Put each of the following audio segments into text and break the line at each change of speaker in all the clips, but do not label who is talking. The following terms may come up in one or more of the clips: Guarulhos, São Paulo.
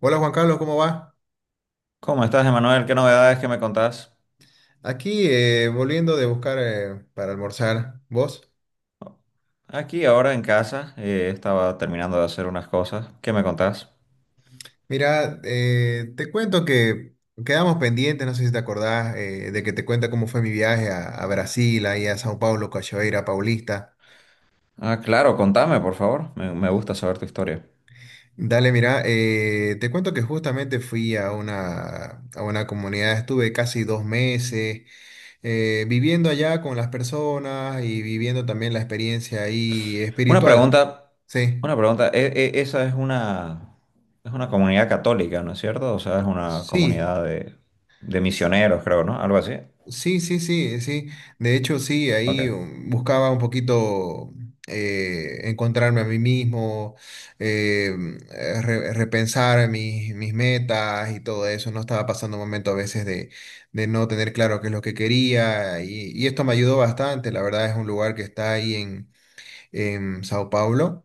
Hola Juan Carlos, ¿cómo va?
¿Cómo estás, Emanuel? ¿Qué novedades que me contás?
Aquí volviendo de buscar para almorzar. ¿Vos?
Aquí ahora en casa, estaba terminando de hacer unas cosas. ¿Qué me contás?
Mira, te cuento que quedamos pendientes, no sé si te acordás, de que te cuenta cómo fue mi viaje a Brasil, ahí a São Paulo, Cachoeira, Paulista.
Ah, claro, contame, por favor. Me gusta saber tu historia.
Dale, mira, te cuento que justamente fui a una comunidad, estuve casi 2 meses viviendo allá con las personas y viviendo también la experiencia ahí
Una
espiritual.
pregunta,
Sí,
una pregunta. E- e- Esa es una comunidad católica, ¿no es cierto? O sea, es una
sí.
comunidad de misioneros, creo, ¿no? Algo así.
Sí, sí, sí, sí. De hecho, sí, ahí
Ok.
buscaba un poquito encontrarme a mí mismo, repensar mis metas y todo eso. No estaba pasando un momento a veces de no tener claro qué es lo que quería y esto me ayudó bastante. La verdad es un lugar que está ahí en Sao Paulo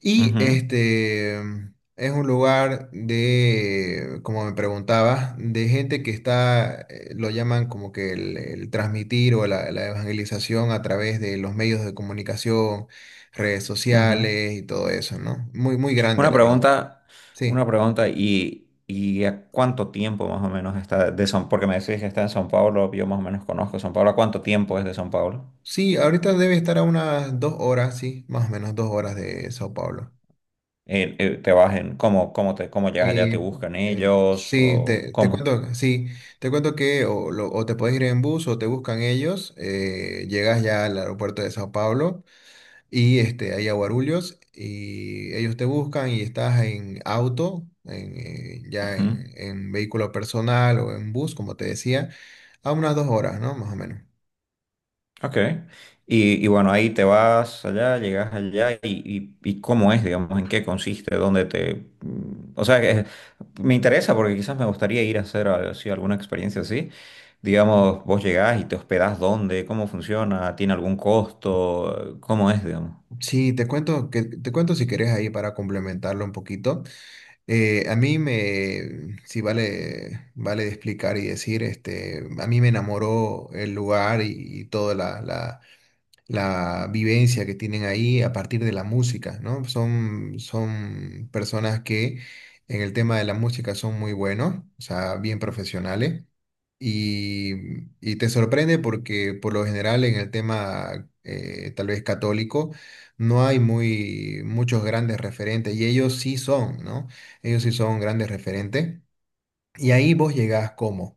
y
Ujú,
este es un lugar de, como me preguntabas, de gente que está, lo llaman como que el transmitir o la evangelización a través de los medios de comunicación, redes
ujú.
sociales y todo eso, ¿no? Muy, muy grande,
Una
la verdad.
pregunta,
Sí.
y a cuánto tiempo más o menos está de San? Porque me decís que está en San Pablo, yo más o menos conozco San Pablo. ¿A cuánto tiempo es de San Pablo?
Sí, ahorita debe estar a unas 2 horas, sí, más o menos 2 horas de Sao Paulo.
¿Te vas en, cómo, cómo llegas allá?
Y,
¿Te buscan ellos
sí,
o
te
cómo?
cuento, sí, te cuento que o te puedes ir en bus o te buscan ellos, llegas ya al aeropuerto de Sao Paulo y este, ahí a Guarulhos y ellos te buscan y estás en auto,
Ujú.
en vehículo personal o en bus, como te decía, a unas 2 horas, ¿no? Más o menos.
Ok. Y bueno, ahí te vas allá, llegas allá y cómo es, digamos, en qué consiste, O sea, que me interesa porque quizás me gustaría ir a hacer así alguna experiencia así. Digamos, vos llegás y te hospedás dónde, cómo funciona, tiene algún costo, cómo es, digamos.
Sí, te cuento, que, te cuento si querés ahí para complementarlo un poquito. A mí me, sí vale, vale de explicar y decir, este, a mí me enamoró el lugar y toda la vivencia que tienen ahí a partir de la música, ¿no? Son, son personas que en el tema de la música son muy buenos, o sea, bien profesionales, y, y te sorprende porque por lo general en el tema tal vez católico no hay muy, muchos grandes referentes, y ellos sí son, ¿no? Ellos sí son grandes referentes. Y ahí vos llegás como,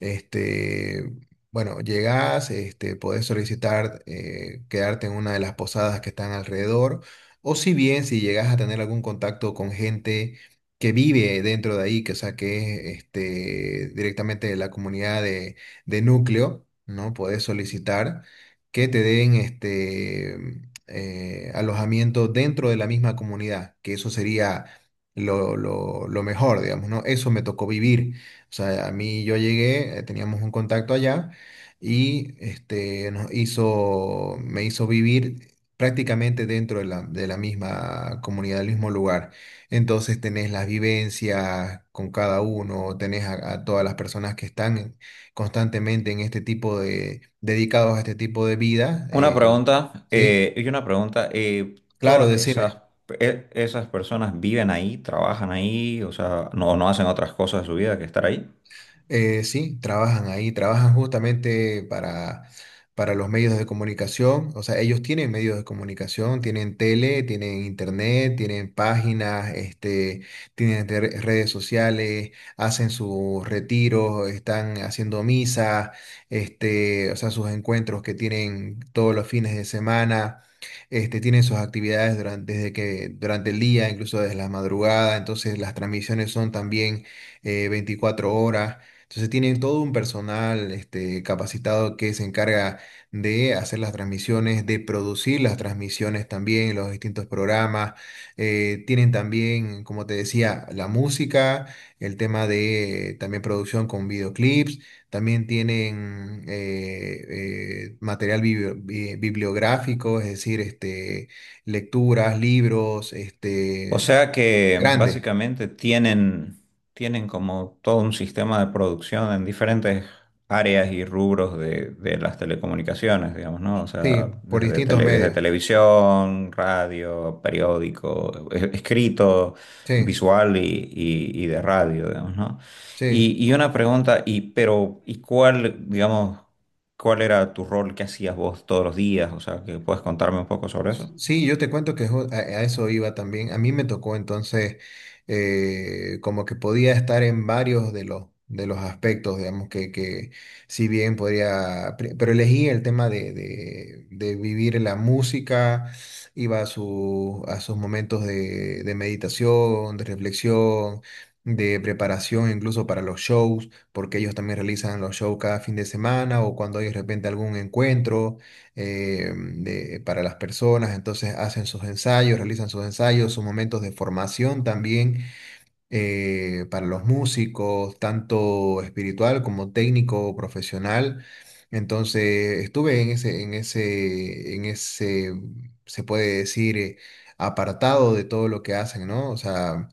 este, bueno, llegás, este, podés solicitar quedarte en una de las posadas que están alrededor, o si bien si llegás a tener algún contacto con gente que vive dentro de ahí, que o sea, que es este, directamente de la comunidad de núcleo, ¿no? Podés solicitar que te den este, alojamiento dentro de la misma comunidad, que eso sería lo mejor, digamos, ¿no? Eso me tocó vivir. O sea, a mí yo llegué, teníamos un contacto allá y este, me hizo vivir prácticamente dentro de la misma comunidad, del mismo lugar. Entonces tenés las vivencias con cada uno, tenés a todas las personas que están constantemente en este tipo de, dedicados a este tipo de vida,
Una pregunta,
¿sí?
y una pregunta,
Claro,
¿todas
decime.
esas, esas personas viven ahí, trabajan ahí, o sea, no, no hacen otras cosas de su vida que estar ahí?
Sí, trabajan ahí, trabajan justamente para los medios de comunicación. O sea, ellos tienen medios de comunicación, tienen tele, tienen internet, tienen páginas, este, tienen redes sociales, hacen sus retiros, están haciendo misa, este, o sea, sus encuentros que tienen todos los fines de semana. Este, tienen sus actividades durante, desde que, durante el día, incluso desde la madrugada, entonces las transmisiones son también 24 horas. Entonces tienen todo un personal este, capacitado que se encarga de hacer las transmisiones, de producir las transmisiones también, los distintos programas. Tienen también, como te decía, la música, el tema de también producción con videoclips. También tienen material bibliográfico, es decir, este, lecturas, libros,
O
este,
sea que
grandes,
básicamente tienen, tienen como todo un sistema de producción en diferentes áreas y rubros de las telecomunicaciones, digamos, ¿no? O
sí,
sea,
por
desde,
distintos
desde
medios.
televisión, radio, periódico, escrito,
Sí,
visual y, y de radio, digamos, ¿no?
sí.
Y una pregunta, y, pero, ¿y cuál, digamos, cuál era tu rol, qué hacías vos todos los días? O sea, que puedes contarme un poco sobre eso.
Sí, yo te cuento que a eso iba también. A mí me tocó entonces como que podía estar en varios de los aspectos, digamos, que si bien podría, pero elegí el tema de vivir la música, iba a, su, a sus momentos de meditación, de reflexión, de preparación incluso para los shows, porque ellos también realizan los shows cada fin de semana o cuando hay de repente algún encuentro para las personas, entonces hacen sus ensayos, realizan sus ensayos, sus momentos de formación también para los músicos, tanto espiritual como técnico, profesional. Entonces, estuve en ese, se puede decir, apartado de todo lo que hacen, ¿no? O sea,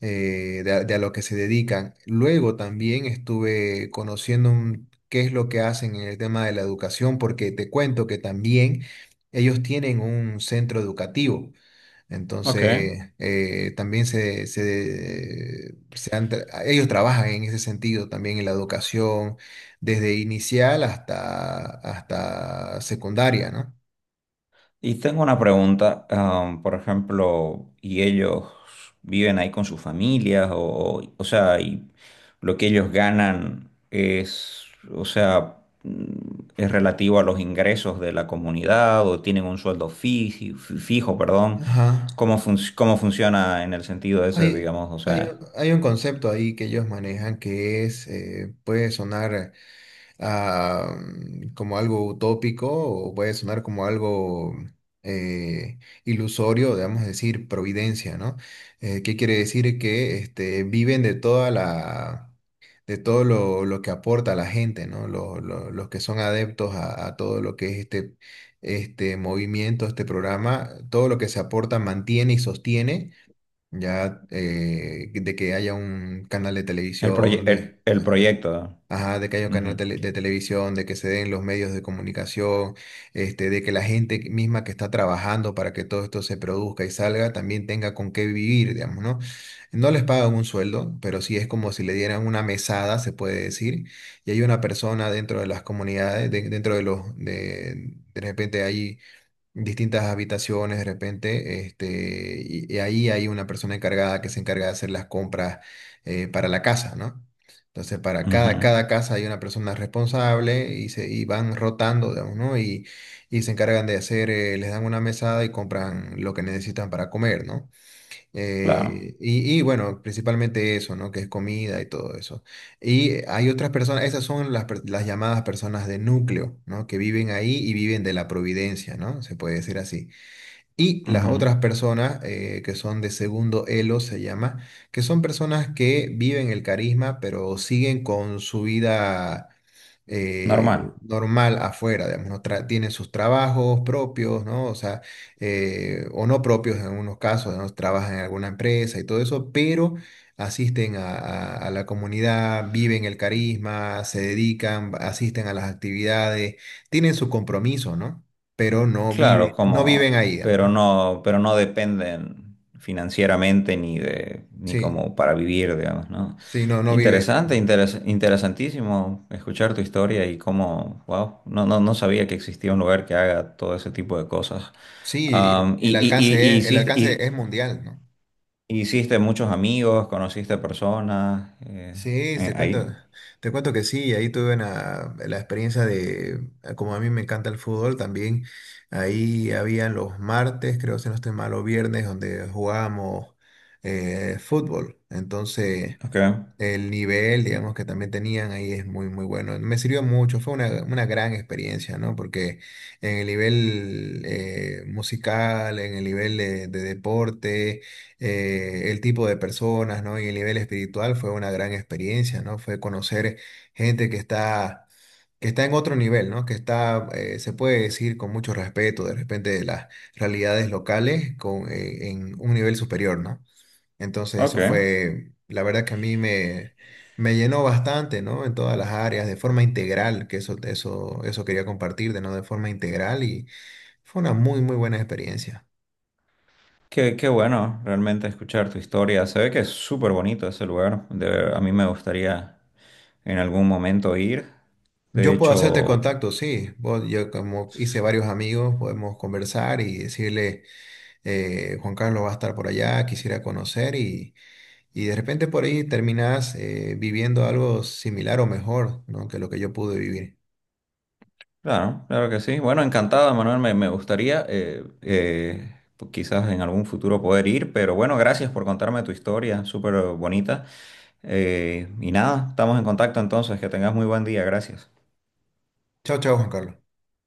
de a lo que se dedican. Luego también estuve conociendo qué es lo que hacen en el tema de la educación, porque te cuento que también ellos tienen un centro educativo.
Ok.
Entonces, también ellos trabajan en ese sentido también en la educación, desde inicial hasta secundaria, ¿no?
Y tengo una pregunta, am, por ejemplo, ¿y ellos viven ahí con sus familias? O sea, y lo que ellos ganan es, o sea, mm, es relativo a los ingresos de la comunidad o tienen un sueldo fijo, perdón.
Ajá.
¿Cómo, cómo funciona en el sentido ese,
Hay,
digamos, o
hay, un
sea,
hay un concepto ahí que ellos manejan que es, puede sonar. Ah, como algo utópico o puede sonar como algo eh, ilusorio, digamos decir, providencia, ¿no? ¿Qué quiere decir? Que este, viven de toda la, de todo lo que aporta la gente, ¿no? Los que son adeptos a todo lo que es este, este movimiento, este programa, todo lo que se aporta mantiene y sostiene. Ya de que haya un canal de
el,
televisión, de,
el proyecto?
ajá, de que haya un canal
Ujú,
de televisión, de que se den los medios de comunicación, este, de que la gente misma que está trabajando para que todo esto se produzca y salga también tenga con qué vivir, digamos, ¿no? No les pagan un sueldo, pero sí es como si le dieran una mesada, se puede decir, y hay una persona dentro de las comunidades, dentro de los, de repente ahí distintas habitaciones de repente, este, y ahí hay una persona encargada que se encarga de hacer las compras para la casa, ¿no? Entonces, para
ujú,
cada, cada casa hay una persona responsable y, se, y van rotando, digamos, ¿no? Y se encargan de hacer, les dan una mesada y compran lo que necesitan para comer, ¿no?
claro,
Y bueno, principalmente eso, ¿no? Que es comida y todo eso. Y hay otras personas, esas son las, las llamadas personas de núcleo, ¿no? Que viven ahí y viven de la providencia, ¿no? Se puede decir así. Y las
ujú,
otras personas que son de segundo elo se llama, que son personas que viven el carisma, pero siguen con su vida
normal.
normal afuera, digamos, no tra- tienen sus trabajos propios, ¿no? O sea, o no propios en algunos casos, ¿no? Trabajan en alguna empresa y todo eso, pero asisten a la comunidad, viven el carisma, se dedican, asisten a las actividades, tienen su compromiso, ¿no? Pero
Claro,
no viven
como,
ahí, digamos, ¿no?
pero no dependen financieramente ni de, ni
Sí,
como para vivir, digamos, ¿no?
sí, no, no viven.
Interesante, interesantísimo escuchar tu historia y cómo, wow, no, no, no sabía que existía un lugar que haga todo ese tipo de cosas.
Sí, el
Am,
el
y,
alcance es, el alcance es mundial, ¿no?
hiciste muchos amigos, conociste personas
Sí,
ahí.
te cuento que sí, ahí tuve una, la experiencia de, como a mí me encanta el fútbol, también ahí habían los martes, creo si no estoy mal, o viernes, donde jugábamos fútbol. Entonces,
Ok,
el nivel, digamos, que también tenían ahí es muy, muy bueno. Me sirvió mucho, fue una gran experiencia, ¿no? Porque en el nivel musical, en el nivel de deporte, el tipo de personas, ¿no? Y el nivel espiritual fue una gran experiencia, ¿no? Fue conocer gente que está en otro nivel, ¿no? Que está, se puede decir con mucho respeto, de repente, de las realidades locales con, en un nivel superior, ¿no? Entonces
ok.
eso fue, la verdad que a mí me, me llenó bastante, ¿no? En todas las áreas, de forma integral, que eso quería compartirte, ¿no? De forma integral y fue una muy, muy buena experiencia.
Qué, qué bueno realmente escuchar tu historia. Se ve que es súper bonito ese lugar. A mí me gustaría en algún momento ir. De
Yo puedo hacerte
hecho,
contacto, sí. Vos- yo como hice
s-
varios amigos, podemos conversar y decirle, Juan Carlos va a estar por allá, quisiera conocer y de repente por ahí terminás viviendo algo similar o mejor, ¿no? Que lo que yo pude vivir.
claro, claro que sí. Bueno, encantado, Manuel. Me gustaría pues quizás en algún futuro poder ir. Pero bueno, gracias por contarme tu historia, súper bonita. Y nada, estamos en contacto entonces. Que tengas muy buen día. Gracias.
Chao, chao, Juan Carlos.